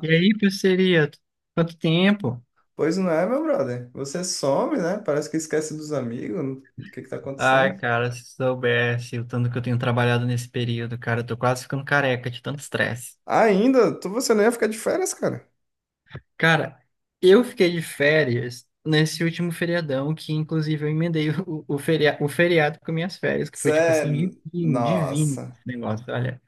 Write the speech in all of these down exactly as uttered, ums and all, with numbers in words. E aí, parceria? Quanto tempo? Pois não é, meu brother? Você some, né? Parece que esquece dos amigos. O que que tá Ai, acontecendo? cara, se soubesse o tanto que eu tenho trabalhado nesse período, cara, eu tô quase ficando careca de tanto estresse. Ainda? Tu, você não ia ficar de férias, cara? Cara, eu fiquei de férias nesse último feriadão, que inclusive eu emendei o, o, feria, o feriado com minhas férias, que foi tipo Sério? assim, divino, divino Nossa. esse negócio, olha.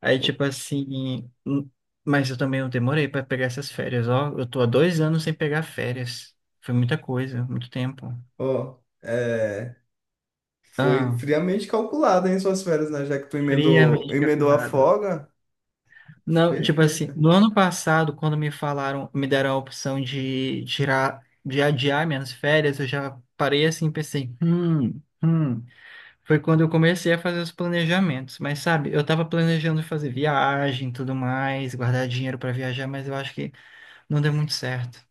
Aí, tipo assim, hum, mas eu também não demorei pra pegar essas férias, ó. Eu tô há dois anos sem pegar férias. Foi muita coisa, muito tempo. Ó, é... Foi Ah, friamente calculado, hein, suas férias, né? Já que tu emendou, friamente emendou a calculado. folga. Não, tipo assim, Perfeito. no ano passado, quando me falaram, me deram a opção de tirar, de adiar minhas férias, eu já parei assim e pensei, hum, hum. Foi quando eu comecei a fazer os planejamentos. Mas sabe, eu tava planejando fazer viagem e tudo mais, guardar dinheiro para viajar, mas eu acho que não deu muito certo.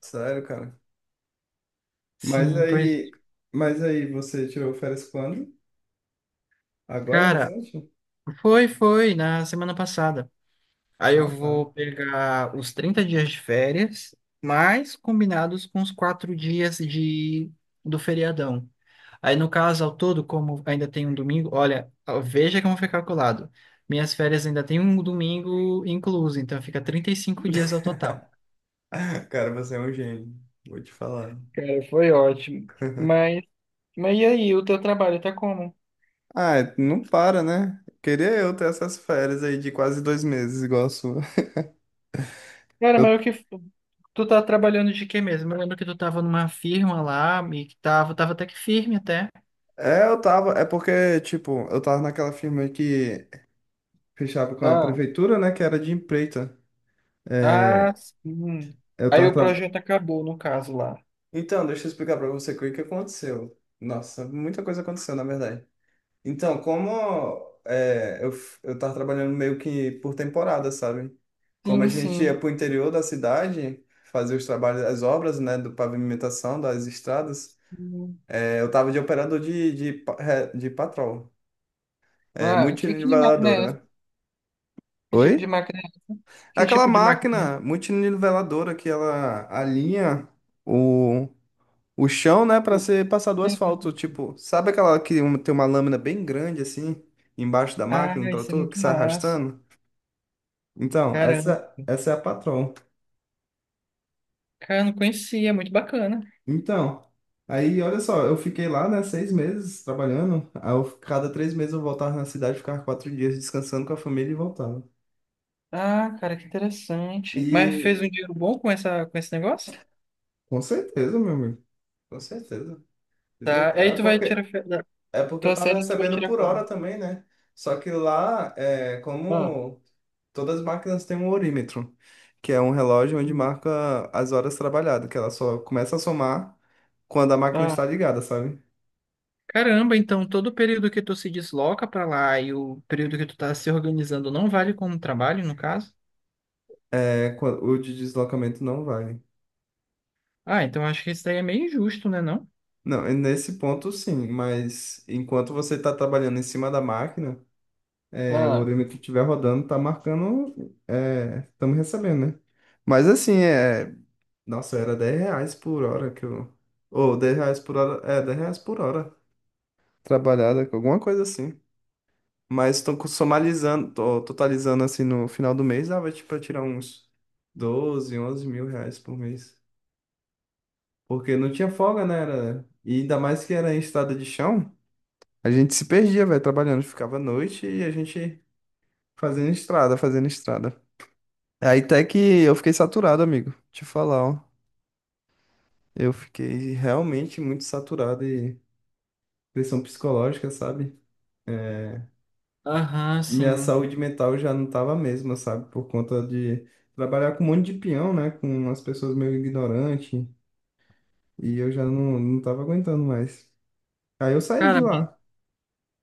Sério, cara. Mas Sim, pois, aí... Mas aí, você tirou férias quando? Agora, cara, recente? foi, foi, na semana passada. Aí eu Ah, tá. vou pegar os trinta dias de férias, mais combinados com os quatro dias de do feriadão. Aí, no caso, ao todo, como ainda tem um domingo, olha, veja como foi calculado. Minhas férias ainda tem um domingo incluso, então fica trinta e cinco dias ao total. Cara, você é um gênio. Vou te falar. Cara, foi ótimo. Mas, mas e aí, o teu trabalho tá como? Ah, não para, né? Queria eu ter essas férias aí de quase dois meses, igual a sua. Cara, Eu, mas o que tu tá trabalhando de quê mesmo? Eu lembro que tu tava numa firma lá e que tava, tava até que firme até. é, eu tava. É porque, tipo, eu tava naquela firma que fechava com a prefeitura, né? Que era de empreita. Ah, É, sim. eu Aí tava. o tra- projeto acabou, no caso lá. Então, deixa eu explicar pra você o que que aconteceu. Nossa, muita coisa aconteceu, na verdade. Então, como é, eu, f- eu tava trabalhando meio que por temporada, sabe? Como a Sim, gente ia sim. pro interior da cidade fazer os trabalhos, as obras, né? Do pavimentação das estradas. Hum. Eu tava de operador de, de, pa- é, de patrol. É, Ah, que, que máquina é multiniveladora, essa? né? Que tipo de Oi? máquina é essa? Que Aquela tipo de máquina máquina é multiniveladora que ela alinha o, o chão, né, para ser passado o essa? asfalto. Tipo, sabe aquela que um- tem uma lâmina bem grande assim, embaixo da Ah, máquina, um isso é trator muito que sai massa. arrastando? Então, Caramba. essa, essa é a patrol. Cara, não conhecia, é muito bacana. Então, aí olha só, eu fiquei lá, né, seis meses trabalhando. Aí eu- cada três meses eu voltava na cidade, ficava quatro dias descansando com a família e voltava. Ah, cara, que interessante. Mas fez um E dinheiro bom com essa, com esse negócio? Com certeza, meu amigo. Com certeza. Entendeu? Tá. Aí É tu vai tirar. porque, fe- da- é porque eu Tua tava série tu vai recebendo tirar por quando? hora também, né? Só que lá, é, Ah, como todas as máquinas têm um horímetro, que é um relógio onde hum. marca as horas trabalhadas, que ela só começa a somar quando a máquina está ligada, sabe? Caramba, então todo o período que tu se desloca para lá e o período que tu tá se organizando não vale como trabalho, no caso? É, quan- o de deslocamento não vale. Ah, então acho que isso daí é meio injusto, né, não? Não, e nesse ponto sim, mas enquanto você está trabalhando em cima da máquina, é, o Ó, horímetro estiver rodando, tá marcando, estamos recebendo, né? Mas assim, é, Nossa, era dez reais por hora que eu. Ou dez reais por hora. É, dez reais por hora. Trabalhada, alguma coisa assim. Mas tô co- somalizando, tô totalizando assim no final do mês, dava tipo pra tirar uns doze onze mil reais por mês. Porque não tinha folga, né? Era... E ainda mais que era em estrada de chão, a gente se perdia, velho, trabalhando. Ficava à noite e a gente fazendo estrada, fazendo estrada. Aí até que eu fiquei saturado, amigo. Te falar, ó. Eu fiquei realmente muito saturado pressão psicológica, sabe? É, aham, minha sim. saúde mental já não tava a mesma, sabe? Por conta de trabalhar com um monte de peão, né? Com umas pessoas meio ignorantes. E eu já não, não tava aguentando mais. Aí eu saí Cara, de lá.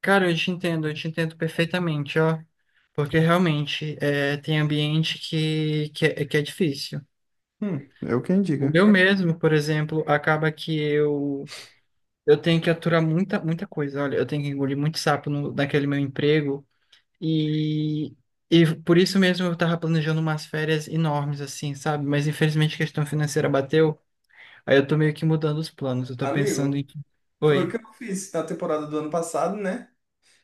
cara, eu te entendo, eu te entendo perfeitamente, ó. Porque realmente é, tem ambiente que, que, é, que é difícil. Hum, eu quem O diga. meu mesmo, por exemplo, acaba que eu eu tenho que aturar muita, muita coisa. Olha, eu tenho que engolir muito sapo no, naquele meu emprego. E, e por isso mesmo eu tava planejando umas férias enormes, assim, sabe? Mas infelizmente a questão financeira bateu, aí eu tô meio que mudando os planos. Eu tô pensando Amigo, em. foi o que Oi. eu fiz na temporada do ano passado, né?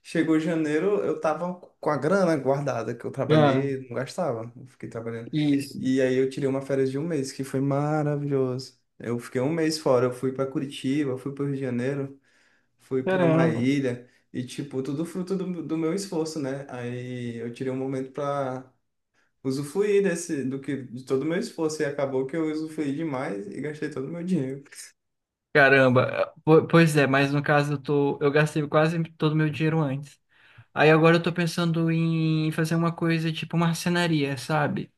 Chegou janeiro, eu tava com a grana guardada que eu Ah, trabalhei, não gastava, eu fiquei trabalhando. isso. E aí eu tirei uma férias de um mês, que foi maravilhoso. Eu fiquei um mês fora, eu fui pra Curitiba, fui pro Rio de Janeiro, fui pra uma Caramba. ilha, e tipo, tudo fruto do, do meu esforço, né? Aí eu tirei um momento pra usufruir desse, do que, de todo o meu esforço, e acabou que eu usufruí demais e gastei todo o meu dinheiro. Caramba. Po- Pois é, mas no caso eu tô. Eu gastei quase todo o meu dinheiro antes. Aí agora eu tô pensando em fazer uma coisa tipo marcenaria, sabe?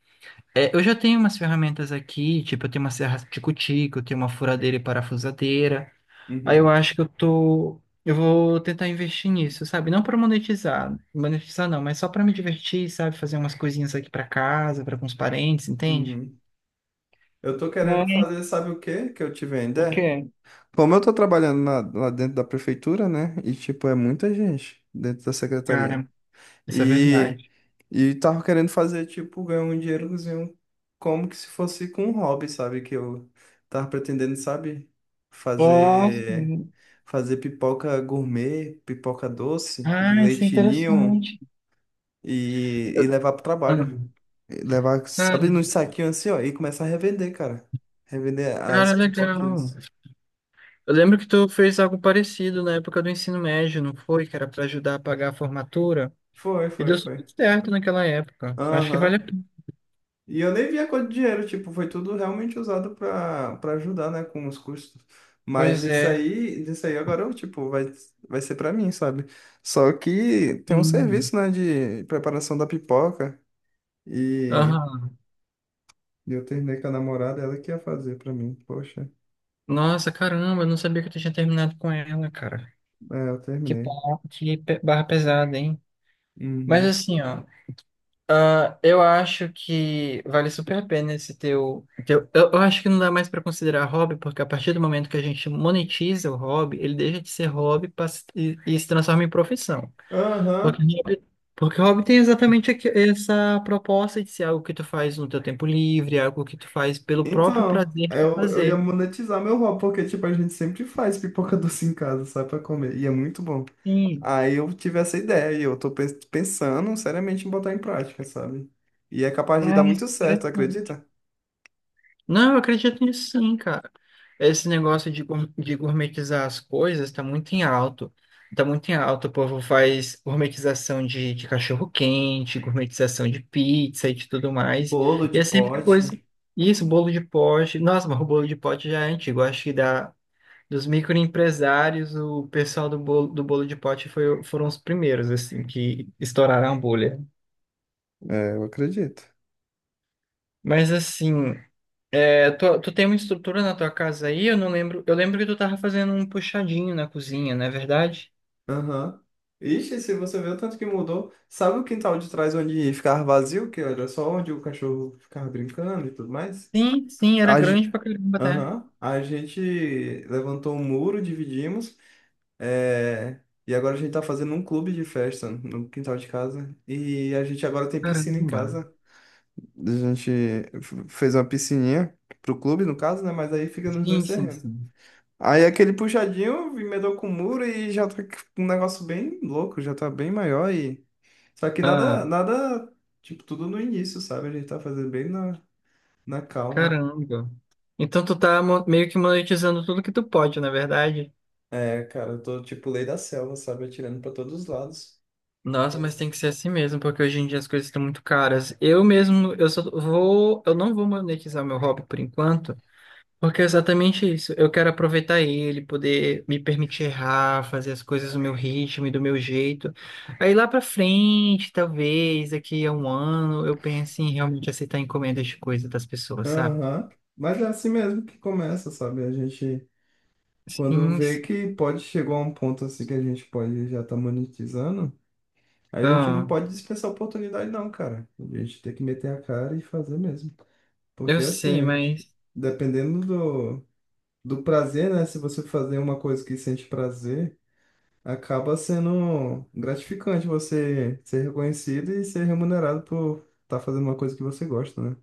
É, eu já tenho umas ferramentas aqui, tipo, eu tenho uma serra tico-tico, eu tenho uma furadeira e parafusadeira. Aí eu Uhum, acho que eu tô. Eu vou tentar investir nisso, sabe? Não para monetizar, monetizar não, mas só para me divertir, sabe? Fazer umas coisinhas aqui para casa, para com os parentes, entende? uhum. Eu tô querendo Mas fazer, sabe o quê? Que eu tive o ainda? quê? Como eu tô trabalhando na- lá dentro da prefeitura, né? E, tipo, é muita gente dentro da secretaria. Cara, isso é E, verdade. e tava querendo fazer, tipo, ganhar um dinheirozinho como que se fosse com um hobby, sabe? Que eu tava pretendendo, sabe? Ah, Fazer, fazer pipoca gourmet, pipoca doce, de Ah, isso é leite ninho interessante. e, e Eu- levar pro Ah, trabalho. E levar, cara, sabe, nos saquinhos assim, ó, e começar a revender, cara. Revender as cara, legal. pipoquinhas. Eu lembro que tu fez algo parecido na época do ensino médio, não foi? Que era para ajudar a pagar a formatura. Foi, E foi, deu foi. super certo naquela época. Acho que vale a Aham. pena. E eu nem vi a cor de dinheiro, tipo, foi tudo realmente usado para para ajudar, né, com os custos. Mas Pois isso é. aí, isso aí agora, eu, tipo, vai, vai ser para mim, sabe? Só que tem um Sim. serviço, né, de preparação da pipoca e Aham. eu terminei com a namorada, ela que ia fazer para mim. Poxa, Nossa, caramba, eu não sabia que tu tinha terminado com ela, cara. é, eu Que terminei. barra, que pe- barra pesada, hein? Mas Uhum. assim, ó, ah, eu acho que vale super a pena esse teu, teu. Eu eu acho que não dá mais pra considerar hobby, porque a partir do momento que a gente monetiza o hobby, ele deixa de ser hobby pra se- e, e se transforma em profissão. Porque Aham. hobby, porque hobby tem exatamente aqui- essa proposta de ser algo que tu faz no teu tempo livre, algo que tu faz pelo próprio Então, prazer de eu, eu ia fazer. monetizar meu hobby, porque, tipo, a gente sempre faz pipoca doce em casa, sabe pra comer, e é muito bom. Sim. Aí eu tive essa ideia, e eu tô pens- pensando seriamente em botar em prática, sabe? E é capaz de dar Ai, muito certo, interessante. acredita? Não, eu acredito nisso sim, cara. Esse negócio de, gour- de gourmetizar as coisas tá muito em alto. Tá muito em alto. O povo faz gourmetização de, de cachorro-quente, gourmetização de pizza e de tudo mais. Bolo E de é sempre coisa. pote. Isso, bolo de pote. Nossa, mas o bolo de pote já é antigo. Eu Acho que da, dos microempresários, o pessoal do bolo, do bolo de pote foi, foram os primeiros, assim, que estouraram a bolha. É, eu acredito. Mas assim. É, tu, tu tem uma estrutura na tua casa aí? Eu não lembro. Eu lembro que tu tava fazendo um puxadinho na cozinha, não é verdade? Aham. Ixi, se você vê o tanto que mudou, sabe o quintal de trás onde ficava vazio, que era só onde o cachorro ficava brincando e tudo mais? Sim, sim, era A ge- grande pra caramba até. Aham. A gente levantou um muro, dividimos, É, e agora a gente tá fazendo um clube de festa no quintal de casa. E a gente agora tem piscina em Caramba. casa. A gente f- fez uma piscininha pro clube, no caso, né? Mas aí fica nos Sim, dois sim, terrenos. sim. Aí aquele puxadinho emendou com o muro e já tá um negócio bem louco, já tá bem maior e. Só que nada, Ah, nada, tipo, tudo no início, sabe? A gente tá fazendo bem na, na calma. caramba. Então tu tá mo- meio que monetizando tudo que tu pode, na verdade. É, cara, eu tô tipo lei da selva, sabe? Atirando pra todos os lados. Nossa, mas tem que ser assim mesmo, porque hoje em dia as coisas estão muito caras. Eu mesmo, eu só vou, eu não vou monetizar meu hobby por enquanto. Porque é exatamente isso. Eu quero aproveitar ele, poder me permitir errar, fazer as coisas no meu ritmo e do meu jeito. Aí lá pra frente, talvez, daqui a um ano, eu pense em realmente aceitar encomendas de coisa das pessoas, sabe? Aham. Mas é assim mesmo que começa, sabe? A gente, quando Sim, vê sim. que pode chegar a um ponto assim que a gente pode já estar monetizando, a gente não Ah, pode dispensar a oportunidade, não, cara. A gente tem que meter a cara e fazer mesmo. eu Porque sei, assim, mas. dependendo do, do prazer, né? Se você fazer uma coisa que sente prazer, acaba sendo gratificante você ser reconhecido e ser remunerado por estar fazendo uma coisa que você gosta, né?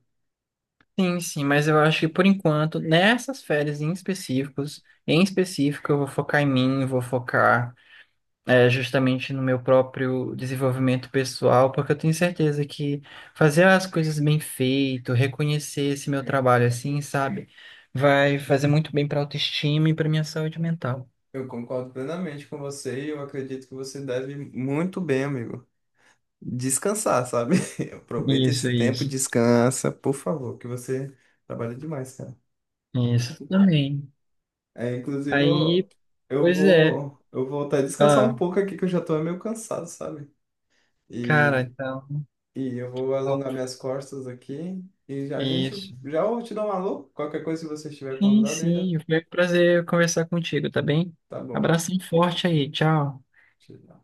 Sim, sim, mas eu acho que por enquanto, nessas férias em específicos, em específico, eu vou focar em mim, vou focar. é, justamente no meu próprio desenvolvimento pessoal, porque eu tenho certeza que fazer as coisas bem feito, reconhecer esse meu trabalho assim, sabe, vai fazer muito bem para a autoestima e para minha saúde mental. Eu concordo plenamente com você e eu acredito que você deve muito bem, amigo. Descansar, sabe? Aproveita Isso, esse tempo, isso, descansa, por favor, que você trabalha demais, cara. isso também. É, inclusive, eu, Aí, eu pois é, vou eu vou até descansar um ah, pouco aqui, que eu já tô meio cansado, sabe? cara, E, então, e eu vou ó, alongar minhas costas aqui e já a gente isso. já eu te dou um alô. Qualquer coisa, se você estiver Sim, acordado ainda, sim, foi um prazer conversar contigo, tá bem? tá bom. Abração forte aí, tchau. Te dá.